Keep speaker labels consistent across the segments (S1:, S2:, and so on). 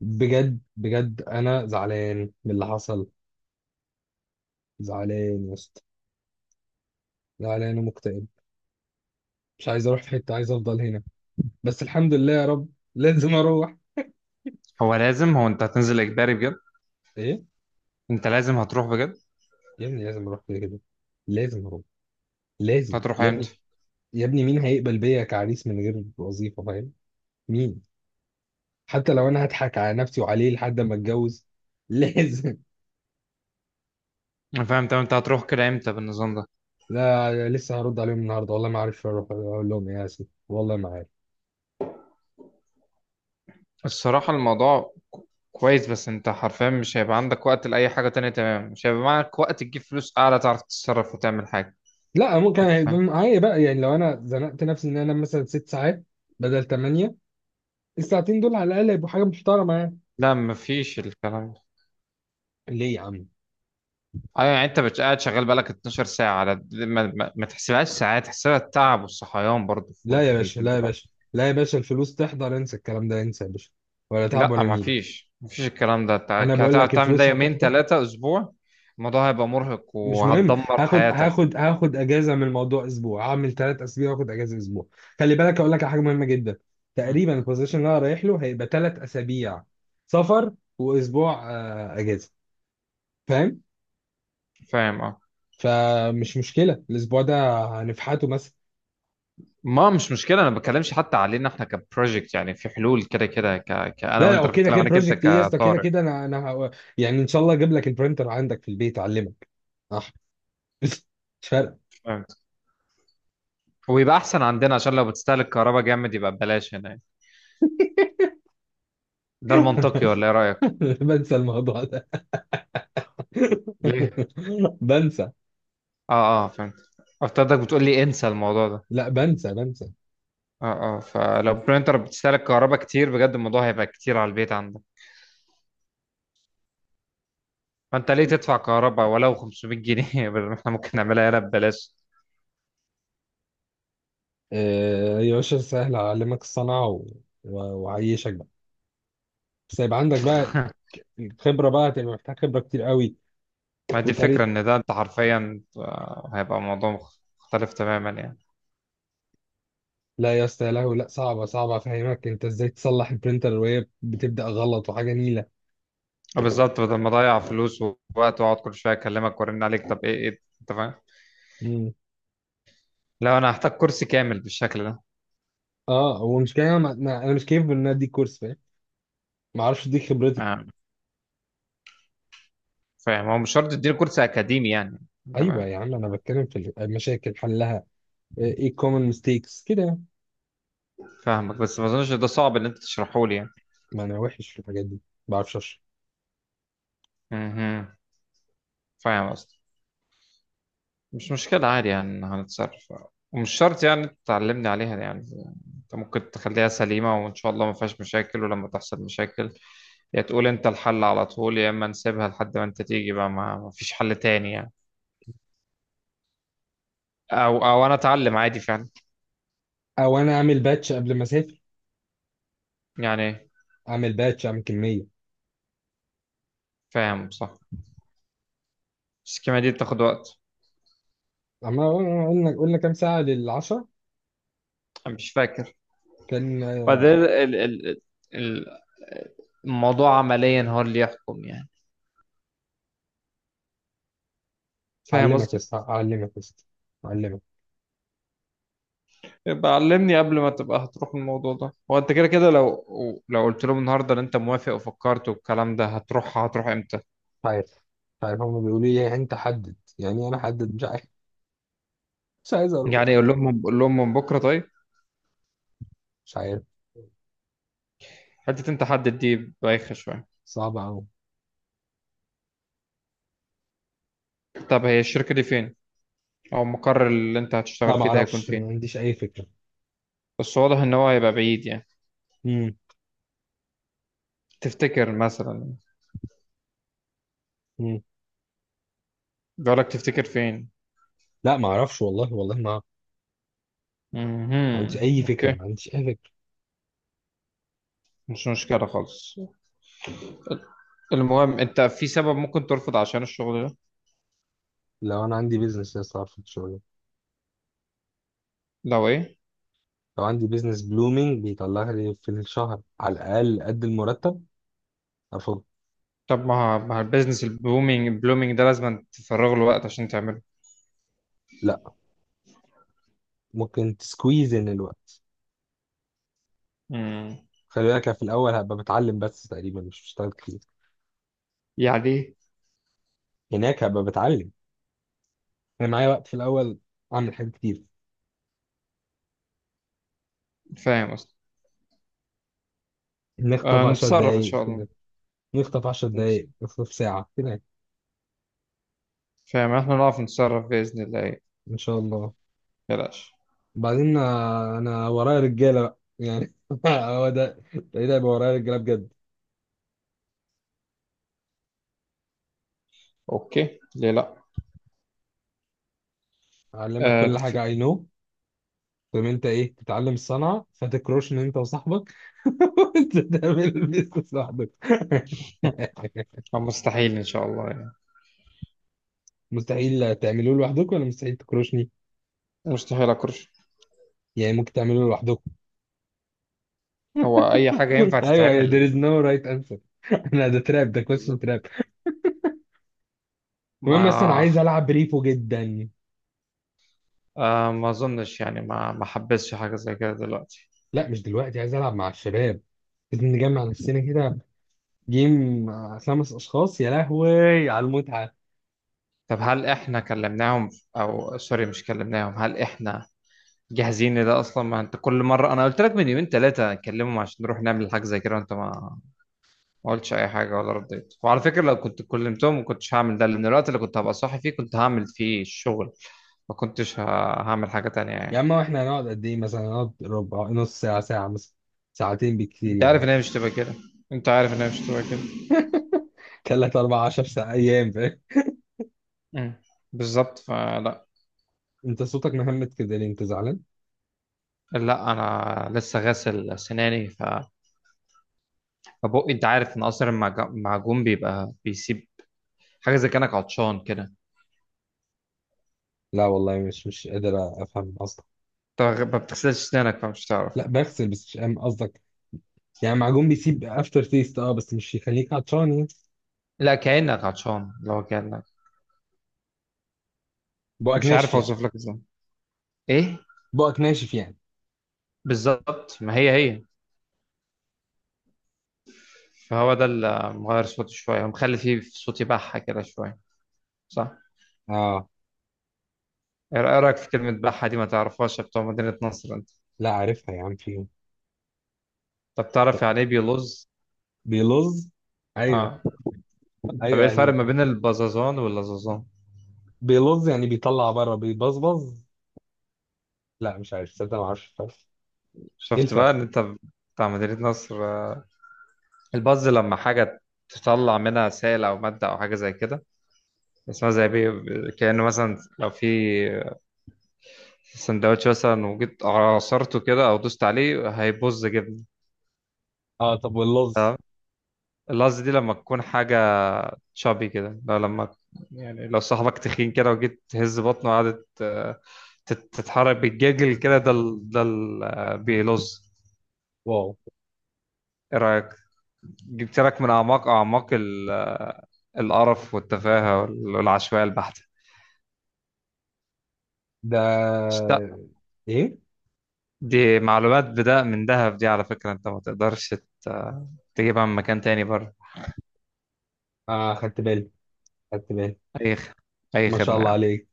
S1: بجد بجد انا زعلان من اللي حصل. زعلان يا اسطى. زعلان ومكتئب. مش عايز اروح في حته، عايز افضل هنا. بس الحمد لله يا رب. لازم اروح.
S2: هو انت هتنزل اجباري بجد؟
S1: ايه؟
S2: انت لازم هتروح بجد؟
S1: يا ابني لازم اروح كده كده. لازم اروح. لازم
S2: هتروح
S1: يا ابني.
S2: امتى؟
S1: يا ابني مين هيقبل بيا كعريس من غير وظيفه، فاهم؟ مين؟ حتى لو انا هضحك على نفسي وعليه لحد ما اتجوز. لازم.
S2: انا فاهم. طب انت هتروح كده امتى بالنظام ده؟
S1: لا، لسه هرد عليهم النهارده، والله ما عارف اروح اقول لهم ايه، يا اسف والله ما عارف.
S2: الصراحة الموضوع كويس، بس انت حرفيا مش هيبقى عندك وقت لأي حاجة تانية، تمام؟ مش هيبقى معاك وقت تجيب فلوس أعلى، تعرف تتصرف وتعمل حاجة.
S1: لا، ممكن
S2: انت
S1: هيبقى
S2: فاهم.
S1: معايا بقى، يعني لو انا زنقت نفسي ان انا مثلا ست ساعات بدل ثمانية، الساعتين دول على الاقل هيبقوا حاجه محترمه يعني.
S2: لا، مفيش الكلام ده.
S1: ليه يا عم؟
S2: ايوه، يعني انت قاعد شغال بقالك 12 ساعة، على ما تحسبهاش ساعات، تحسبها التعب والصحيان، برضه في
S1: لا يا
S2: في
S1: باشا،
S2: في
S1: لا يا
S2: البتاع.
S1: باشا، لا يا باشا، الفلوس تحضر، انسى الكلام ده، انسى يا باشا. ولا تعب
S2: لا،
S1: ولا
S2: ما
S1: نيله.
S2: فيش ما فيش الكلام ده. انت
S1: انا بقول
S2: هتقعد
S1: لك
S2: تعمل ده
S1: الفلوس
S2: يومين
S1: هتحضر.
S2: ثلاثة اسبوع، الموضوع هيبقى مرهق
S1: مش مهم.
S2: وهتدمر
S1: هاخد
S2: حياتك.
S1: هاخد هاخد اجازه من الموضوع، اسبوع هعمل ثلاث اسابيع واخد اجازه اسبوع. خلي بالك اقول لك على حاجه مهمه جدا.
S2: مم.
S1: تقريبا البوزيشن اللي انا رايح له هيبقى ثلاث اسابيع سفر واسبوع اجازه، فاهم؟
S2: فاهم، اه.
S1: فمش مشكله الاسبوع ده، هنفحته مثلا.
S2: ما مش مشكلة، انا ما بتكلمش حتى علينا احنا كبروجكت، يعني في حلول كده كده كأنا
S1: لا لا،
S2: وانت،
S1: هو
S2: أنا
S1: كده
S2: بتكلم
S1: كده،
S2: عليك انت
S1: بروجكت ايه يا اسطى؟ كده
S2: كطارق.
S1: كده انا يعني ان شاء الله اجيب لك البرينتر عندك في البيت اعلمك، صح؟ مش فارقه.
S2: فهمت. ويبقى احسن عندنا، عشان لو بتستهلك كهرباء جامد يبقى ببلاش هنا يعني. ده المنطقي، ولا ايه رأيك؟
S1: بنسى الموضوع ده.
S2: ليه؟
S1: بنسى.
S2: اه اه، فهمت. افترضك بتقول لي انسى الموضوع ده.
S1: لا، بنسى بنسى.
S2: اه اه، فلو برينتر بتستهلك كهرباء كتير بجد، الموضوع هيبقى كتير على البيت عندك. فانت ليه تدفع كهرباء ولو 500 جنيه بدل ما احنا ممكن نعملها هنا ببلاش.
S1: آه يا باشا، سهل اعلمك الصنعه و... وعيشك بقى. بس هيبقى عندك بقى الخبره، بقى هتبقى محتاج خبره كتير قوي
S2: ما دي الفكرة،
S1: وطريقه.
S2: ان ده انت حرفيا، هيبقى موضوع مختلف تماما يعني.
S1: لا يا اسطى، يا لهوي، لا، صعبه صعبه افهمك انت ازاي تصلح البرينتر وهي بتبدا غلط وحاجه نيله.
S2: بالظبط، بدل ما اضيع فلوس ووقت واقعد كل شوية اكلمك وارن عليك، طب ايه ايه انت فاهم، لو انا هحتاج كرسي كامل بالشكل ده.
S1: اه، هو مش كده، انا انا مش كيف ان انا اديك كورس، فاهم؟ ما اعرفش اديك خبرتي.
S2: آه، فاهم، هو مش شرط تديني كرسي اكاديمي يعني، انت
S1: ايوه
S2: فاهم.
S1: يا عم، انا بتكلم في المشاكل حلها، ايه الكومن ميستيكس كده يعني.
S2: فاهمك، بس ما اظنش ده صعب ان انت تشرحه لي يعني.
S1: ما انا وحش في الحاجات دي، ما بعرفش اشرح.
S2: مهم. فاهم قصدي. مش مشكلة، عادي يعني هنتصرف. ومش شرط يعني انت تعلمني عليها يعني. انت ممكن تخليها سليمة وان شاء الله ما فيهاش مشاكل، ولما تحصل مشاكل، يا تقول انت الحل على طول، يا اما نسيبها لحد ما انت تيجي بقى، ما فيش حل تاني يعني. او انا اتعلم عادي فعلا
S1: او انا اعمل باتش قبل ما اسافر،
S2: يعني.
S1: اعمل باتش اعمل كميه.
S2: فاهم، صح، بس الكيمياء دي بتاخد وقت.
S1: اما قلنا كام ساعه للعشرة؟
S2: انا مش فاكر.
S1: كان
S2: بعدين ال الموضوع عمليا هو اللي يحكم يعني، فاهم
S1: اعلمك
S2: قصدي.
S1: بس، اعلمك بس، اعلمك.
S2: يبقى علمني قبل ما تبقى هتروح، الموضوع ده هو انت كده كده، لو قلت لهم النهارده ان انت موافق وفكرت والكلام ده، هتروح امتى؟
S1: مش عارف. مش عارف، هم بيقولوا لي إيه؟ يعني انت حدد، يعني إيه انا حدد؟ مش عارف. مش عايز
S2: يعني
S1: اروح.
S2: قول لهم من بكره طيب.
S1: مش عارف،
S2: حته انت حدد دي بايخه شويه.
S1: صعب قوي.
S2: طب هي الشركه دي فين؟ او المقر اللي انت هتشتغل
S1: لا، ما
S2: فيه ده هيكون
S1: اعرفش، ما
S2: فين؟
S1: عنديش اي فكره.
S2: بس واضح ان هو هيبقى بعيد يعني.
S1: امم.
S2: تفتكر مثلا، بيقول لك تفتكر فين؟
S1: لا ما اعرفش، والله والله ما ما عنديش اي فكره،
S2: اوكي،
S1: ما عنديش اي فكره.
S2: مش مشكله خالص. المهم، انت في سبب ممكن ترفض عشان الشغل ده؟
S1: لو انا عندي بيزنس لسه اعرف الشغل،
S2: لو ايه؟
S1: لو عندي بيزنس بلومينج بيطلع لي في الشهر على الاقل قد المرتب، افضل.
S2: طب ما البيزنس البلومينج ده لازم تفرغ له وقت عشان تعمله.
S1: لا، ممكن تسكويز ان الوقت.
S2: امم
S1: خلي بالك، أنا في الاول هبقى بتعلم بس، تقريبا مش بشتغل كتير.
S2: يعني إيه؟
S1: هناك هبقى بتعلم، انا معايا وقت في الاول، اعمل حاجات كتير.
S2: فاهم اصلا.
S1: نخطف
S2: آه،
S1: 10
S2: نتصرف ان
S1: دقايق
S2: شاء الله.
S1: كده، نخطف 10
S2: نت-
S1: دقايق، نخطف ساعه كده.
S2: فاهم، احنا نعرف نتصرف باذن الله يعني.
S1: ان شاء الله.
S2: بلاش.
S1: بعدين انا ورايا رجاله بقى يعني، هو ده، ده هيبقى ورايا رجاله بجد.
S2: اوكي، ليه لا.
S1: اعلمك
S2: آه
S1: كل
S2: ف-
S1: حاجه، اي نو، تقوم انت ايه تتعلم الصنعه فتكروش ان انت وصاحبك وانت تعمل البيزنس لوحدك.
S2: مستحيل ان شاء الله يعني.
S1: مستحيل تعملوه لوحدكم ولا مستحيل تكروشني؟
S2: مستحيل اكرش.
S1: يعني ممكن تعملوه لوحدكم.
S2: هو اي حاجه ينفع
S1: ايوه، there
S2: تتعمل.
S1: is no right answer. لا، ده تراب، ده question
S2: بالظبط.
S1: تراب. المهم، بس انا
S2: ما
S1: عايز العب بريفو جدا.
S2: ما اظنش يعني ما حبسش حاجه زي كده دلوقتي.
S1: لا مش دلوقتي، عايز العب مع الشباب، لازم نجمع نفسنا كده، جيم، خمس اشخاص، يا لهوي على المتعه.
S2: طب هل احنا كلمناهم؟ او سوري، مش كلمناهم، هل احنا جاهزين ده اصلا؟ ما انت كل مره انا قلت لك من يومين ثلاثه اكلمهم عشان نروح نعمل حاجه زي كده، وانت ما قلتش اي حاجه ولا رديت. وعلى فكره، لو كنت كلمتهم، ما كنتش هعمل ده، لان الوقت اللي كنت هبقى صاحي فيه كنت هعمل فيه الشغل، ما كنتش هعمل حاجه تانية
S1: يا
S2: يعني.
S1: عم احنا هنقعد قد ايه؟ مثلا هنقعد ربع، نص ساعة، ساعة مثلا، ساعتين بالكتير
S2: انت عارف
S1: يعني.
S2: ان هي مش تبقى كده. انت عارف ان هي مش تبقى كده.
S1: تلات أربع عشر ساعة أيام، فاهم؟
S2: مم. بالظبط، فلا.
S1: أنت صوتك مهمت كده، ليه أنت زعلان؟
S2: لا، انا لسه غاسل سناني، فبقي انت عارف ان اصلا المعجون بيبقى بيسيب حاجه، زي كانك عطشان كده.
S1: لا والله، مش قادر أفهم قصدك.
S2: انت ما بتغسلش سنانك فمش تعرف.
S1: لا بغسل، بس مش فاهم قصدك. يعني معجون بيسيب أفتر تيست، أه بس مش يخليك عطشان يعني؟
S2: لا، كأنك عطشان، لو كأنك،
S1: بقك
S2: مش
S1: ناشف
S2: عارف
S1: يعني؟
S2: اوصف لك ازاي. ايه،
S1: بقك ناشف يعني.
S2: بالظبط، ما هي هي. فهو ده اللي مغير صوتي شويه، مخلي فيه في صوتي بحه كده شويه، صح.
S1: أه.
S2: ايه رأيك في كلمه بحه دي، ما تعرفهاش يا بتوع مدينه نصر انت؟
S1: لا عارفها يا عم، في
S2: طب تعرف يعني
S1: ط-
S2: ايه بيلوز؟
S1: بيلظ. أيوه.
S2: اه. طب ايه
S1: أيوه
S2: الفرق
S1: يعني.
S2: ما بين البزازان واللزازان؟
S1: بيلظ يعني بيطلع بره، بيبظبظ. لا مش عارف صدق، ما أعرفش الفرق. إيه
S2: شفت بقى
S1: الفرق؟
S2: ان انت بتاع مدينه نصر؟ آه. البز لما حاجه تطلع منها سائل او ماده او حاجه زي كده، اسمها زي بي. كأنه مثلا، لو في السندوتش مثلا وجيت عصرته كده او دوست عليه، هيبوظ جبنه.
S1: أه، طب واللظ؟
S2: تمام. اللحظه دي لما تكون حاجه شابي كده، لو لما، يعني لو صاحبك تخين كده وجيت تهز بطنه وقعدت، تتحرك بالجاجل كده، ده ال- ده ال- آه، بيلظ.
S1: واو.
S2: ايه رايك؟ جبت لك من اعماق اعماق القرف والتفاهه والعشوائيه البحته.
S1: ده
S2: اشت-
S1: ايه؟
S2: دي معلومات بدأ من دهب دي، على فكره، انت ما تقدرش ت- تجيبها من مكان تاني بره.
S1: اه خدت بالي، خدت بالي.
S2: اي خ- اي
S1: ما شاء
S2: خدمه يا
S1: الله
S2: عم.
S1: عليك.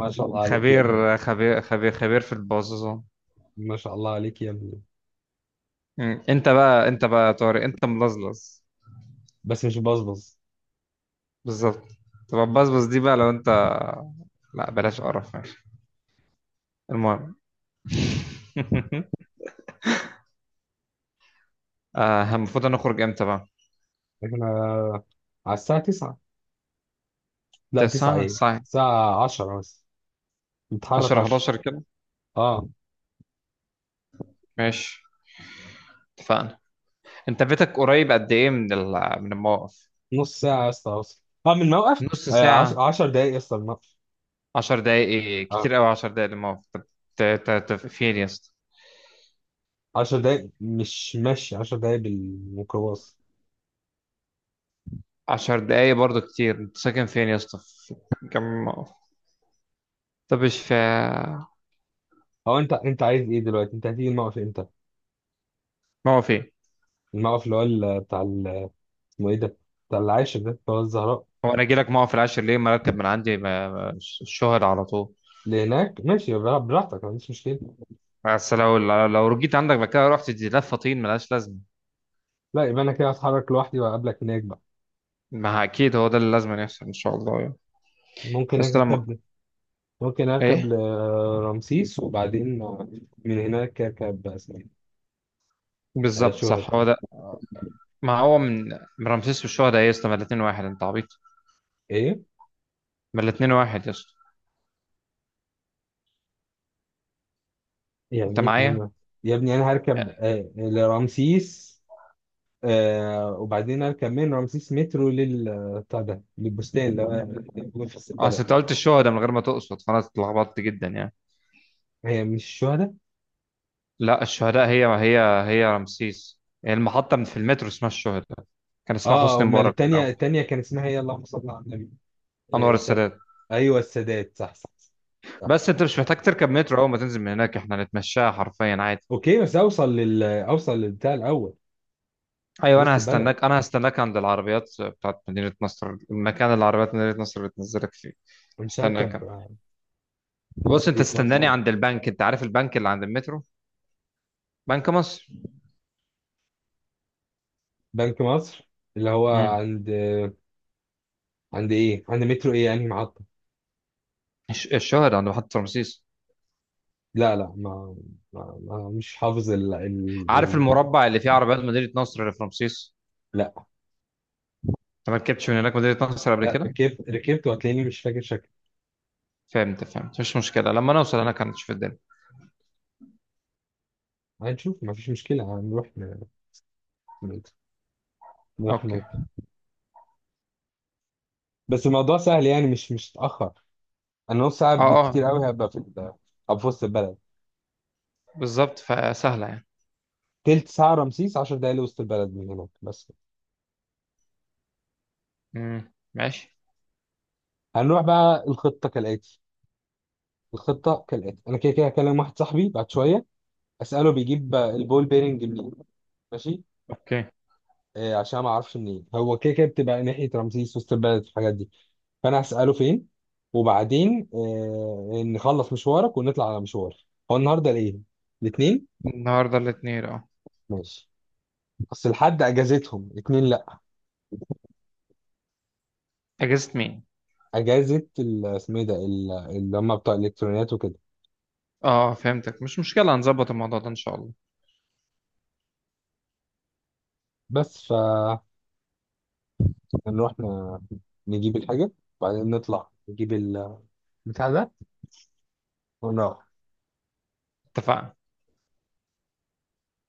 S1: ما شاء الله عليك يا ابني.
S2: خبير خبير خبير خبير في البازوزة.
S1: ما شاء الله عليك يا ابني.
S2: مم. انت بقى يا طارق، انت ملزلز.
S1: بس مش بصبص.
S2: بالظبط. تبقى بزبز دي بقى لو انت، لا بلاش قرف ماشي. المهم. المفروض نخرج امتى بقى؟
S1: احنا على الساعة 9، لا 9
S2: تسعة
S1: ايه،
S2: ساعة.
S1: الساعة 10 بس، نتحرك
S2: 10
S1: 10.
S2: 11 كده.
S1: اه.
S2: ماشي، اتفقنا. انت بيتك قريب قد ايه من من الموقف؟
S1: نص ساعة يا اسطى اوصل، اه من الموقف.
S2: نص ساعة.
S1: 10 دقايق يا اسطى من الموقف.
S2: 10 دقايق ايه؟
S1: اه.
S2: كتير قوي، 10 دقايق للموقف؟ طب فين يا اسطى؟
S1: 10 دقايق مش ماشي، 10 دقايق بالميكروباص.
S2: 10 دقايق برضه كتير، انت ساكن فين يا اسطى؟ في كم؟ طب ايش في
S1: هو انت عايز ايه دلوقتي؟ انت هتيجي الموقف امتى؟
S2: موقف ايه؟
S1: الموقف اللي هو بتاع اسمه ايه ده، بتاع العاشر ده، بتاع الزهراء.
S2: هو انا اجي لك موقف العاشر ليه، ما اركب من عندي، الشهر على طول.
S1: لهناك ماشي، يبقى براحتك، ما عنديش مشكلة.
S2: بس لو رجيت عندك بعد كده، رحت دي لفه طين ملهاش لازمه.
S1: لا، يبقى أنا كده هتحرك لوحدي وأقابلك هناك بقى.
S2: ما اكيد هو ده اللي لازم يحصل ان شاء الله يعني.
S1: ممكن
S2: بس لما
S1: أركب، ممكن أركب
S2: ايه؟
S1: لرمسيس، وبعدين من هناك أركب أسماء.
S2: بالظبط،
S1: شوهد.
S2: صح، هو ده. ما هو من رمسيس والشهداء، إيه يا اسطى، ما الاتنين واحد، انت عبيط.
S1: إيه؟
S2: ما الاتنين واحد يا اسطى. انت
S1: يعني إيه
S2: معايا.
S1: من؟ يا ابني أنا هركب لرمسيس، وبعدين أركب من رمسيس مترو لل بتاع ده، للبستان اللي هو موجود في
S2: اصل انت
S1: البلد.
S2: قلت الشهداء من غير ما تقصد، فانا اتلخبطت جدا يعني.
S1: هي مش الشهداء؟
S2: لا، الشهداء هي هي. هي رمسيس يعني، المحطة من في المترو اسمها الشهداء، كان اسمها
S1: اه،
S2: حسني
S1: امال
S2: مبارك في
S1: التانية،
S2: الأول.
S1: التانية كان اسمها ايه؟ اللهم صل على النبي.
S2: أنور
S1: بتاعت،
S2: السادات.
S1: ايوه السادات، صح صح صح.
S2: بس أنت مش محتاج تركب مترو، أول ما تنزل من هناك إحنا هنتمشاها حرفيا عادي.
S1: اوكي بس اوصل لل اوصل للبتاع الاول،
S2: أيوة، أنا
S1: لوسط البلد،
S2: هستناك أنا هستناك عند العربيات بتاعت مدينة نصر، المكان اللي عربيات مدينة نصر بتنزلك فيه.
S1: مش هركب.
S2: هستناك أنا. بص، أنت
S1: مدينة
S2: استناني
S1: نصر.
S2: عند البنك، أنت عارف البنك اللي عند المترو؟ بنك مصر.
S1: بنك مصر. اللي هو
S2: امم
S1: عند، عند ايه، عند مترو ايه يعني، محطة.
S2: الشهداء عند محطة رمسيس.
S1: لا ما مش حافظ
S2: عارف
S1: ال...
S2: المربع اللي فيه عربيات مدينة نصر اللي في رمسيس؟
S1: لا.
S2: أنت ما ركبتش من هناك مدينة نصر قبل كده؟
S1: ركبت ركبت، وهتلاقيني مش فاكر شكل.
S2: فهمت فهمت، مش مشكلة، لما نوصل هناك هنشوف الدنيا.
S1: هنشوف، ما فيش مشكلة، هنروح نروح
S2: اوكي.
S1: بس الموضوع سهل يعني، مش اتأخر. انا نص ساعة
S2: اه اه،
S1: بالكتير قوي هبقى في هبقى في وسط البلد.
S2: بالظبط، فسهلة يعني.
S1: تلت ساعة رمسيس، 10 دقايق لوسط البلد من هناك بس.
S2: امم، ماشي.
S1: هنروح بقى، الخطة كالآتي، الخطه كالاتي، انا كده كده هكلم واحد صاحبي بعد شويه، اساله بيجيب البول بيرنج منين، ماشي؟
S2: اوكي.
S1: آه، عشان ما اعرفش منين، هو كده كده بتبقى ناحيه رمسيس، وسط البلد، الحاجات دي، فانا هساله فين. وبعدين آه، نخلص مشوارك ونطلع على مشوار. هو النهارده الايه، الاثنين؟
S2: النهاردة الاثنين، اه.
S1: ماشي. اصل الحد اجازتهم الاثنين، لا،
S2: اجازة مين؟
S1: اجازه اسمه ايه ده، اللي هم بتوع الالكترونيات وكده.
S2: اه، آه. فهمتك، مش مشكلة، هنظبط الموضوع ده ان شاء الله.
S1: بس فنروح نجيب الحاجه، وبعدين نطلع نجيب البتاع ده، ونروح.
S2: اتفقنا.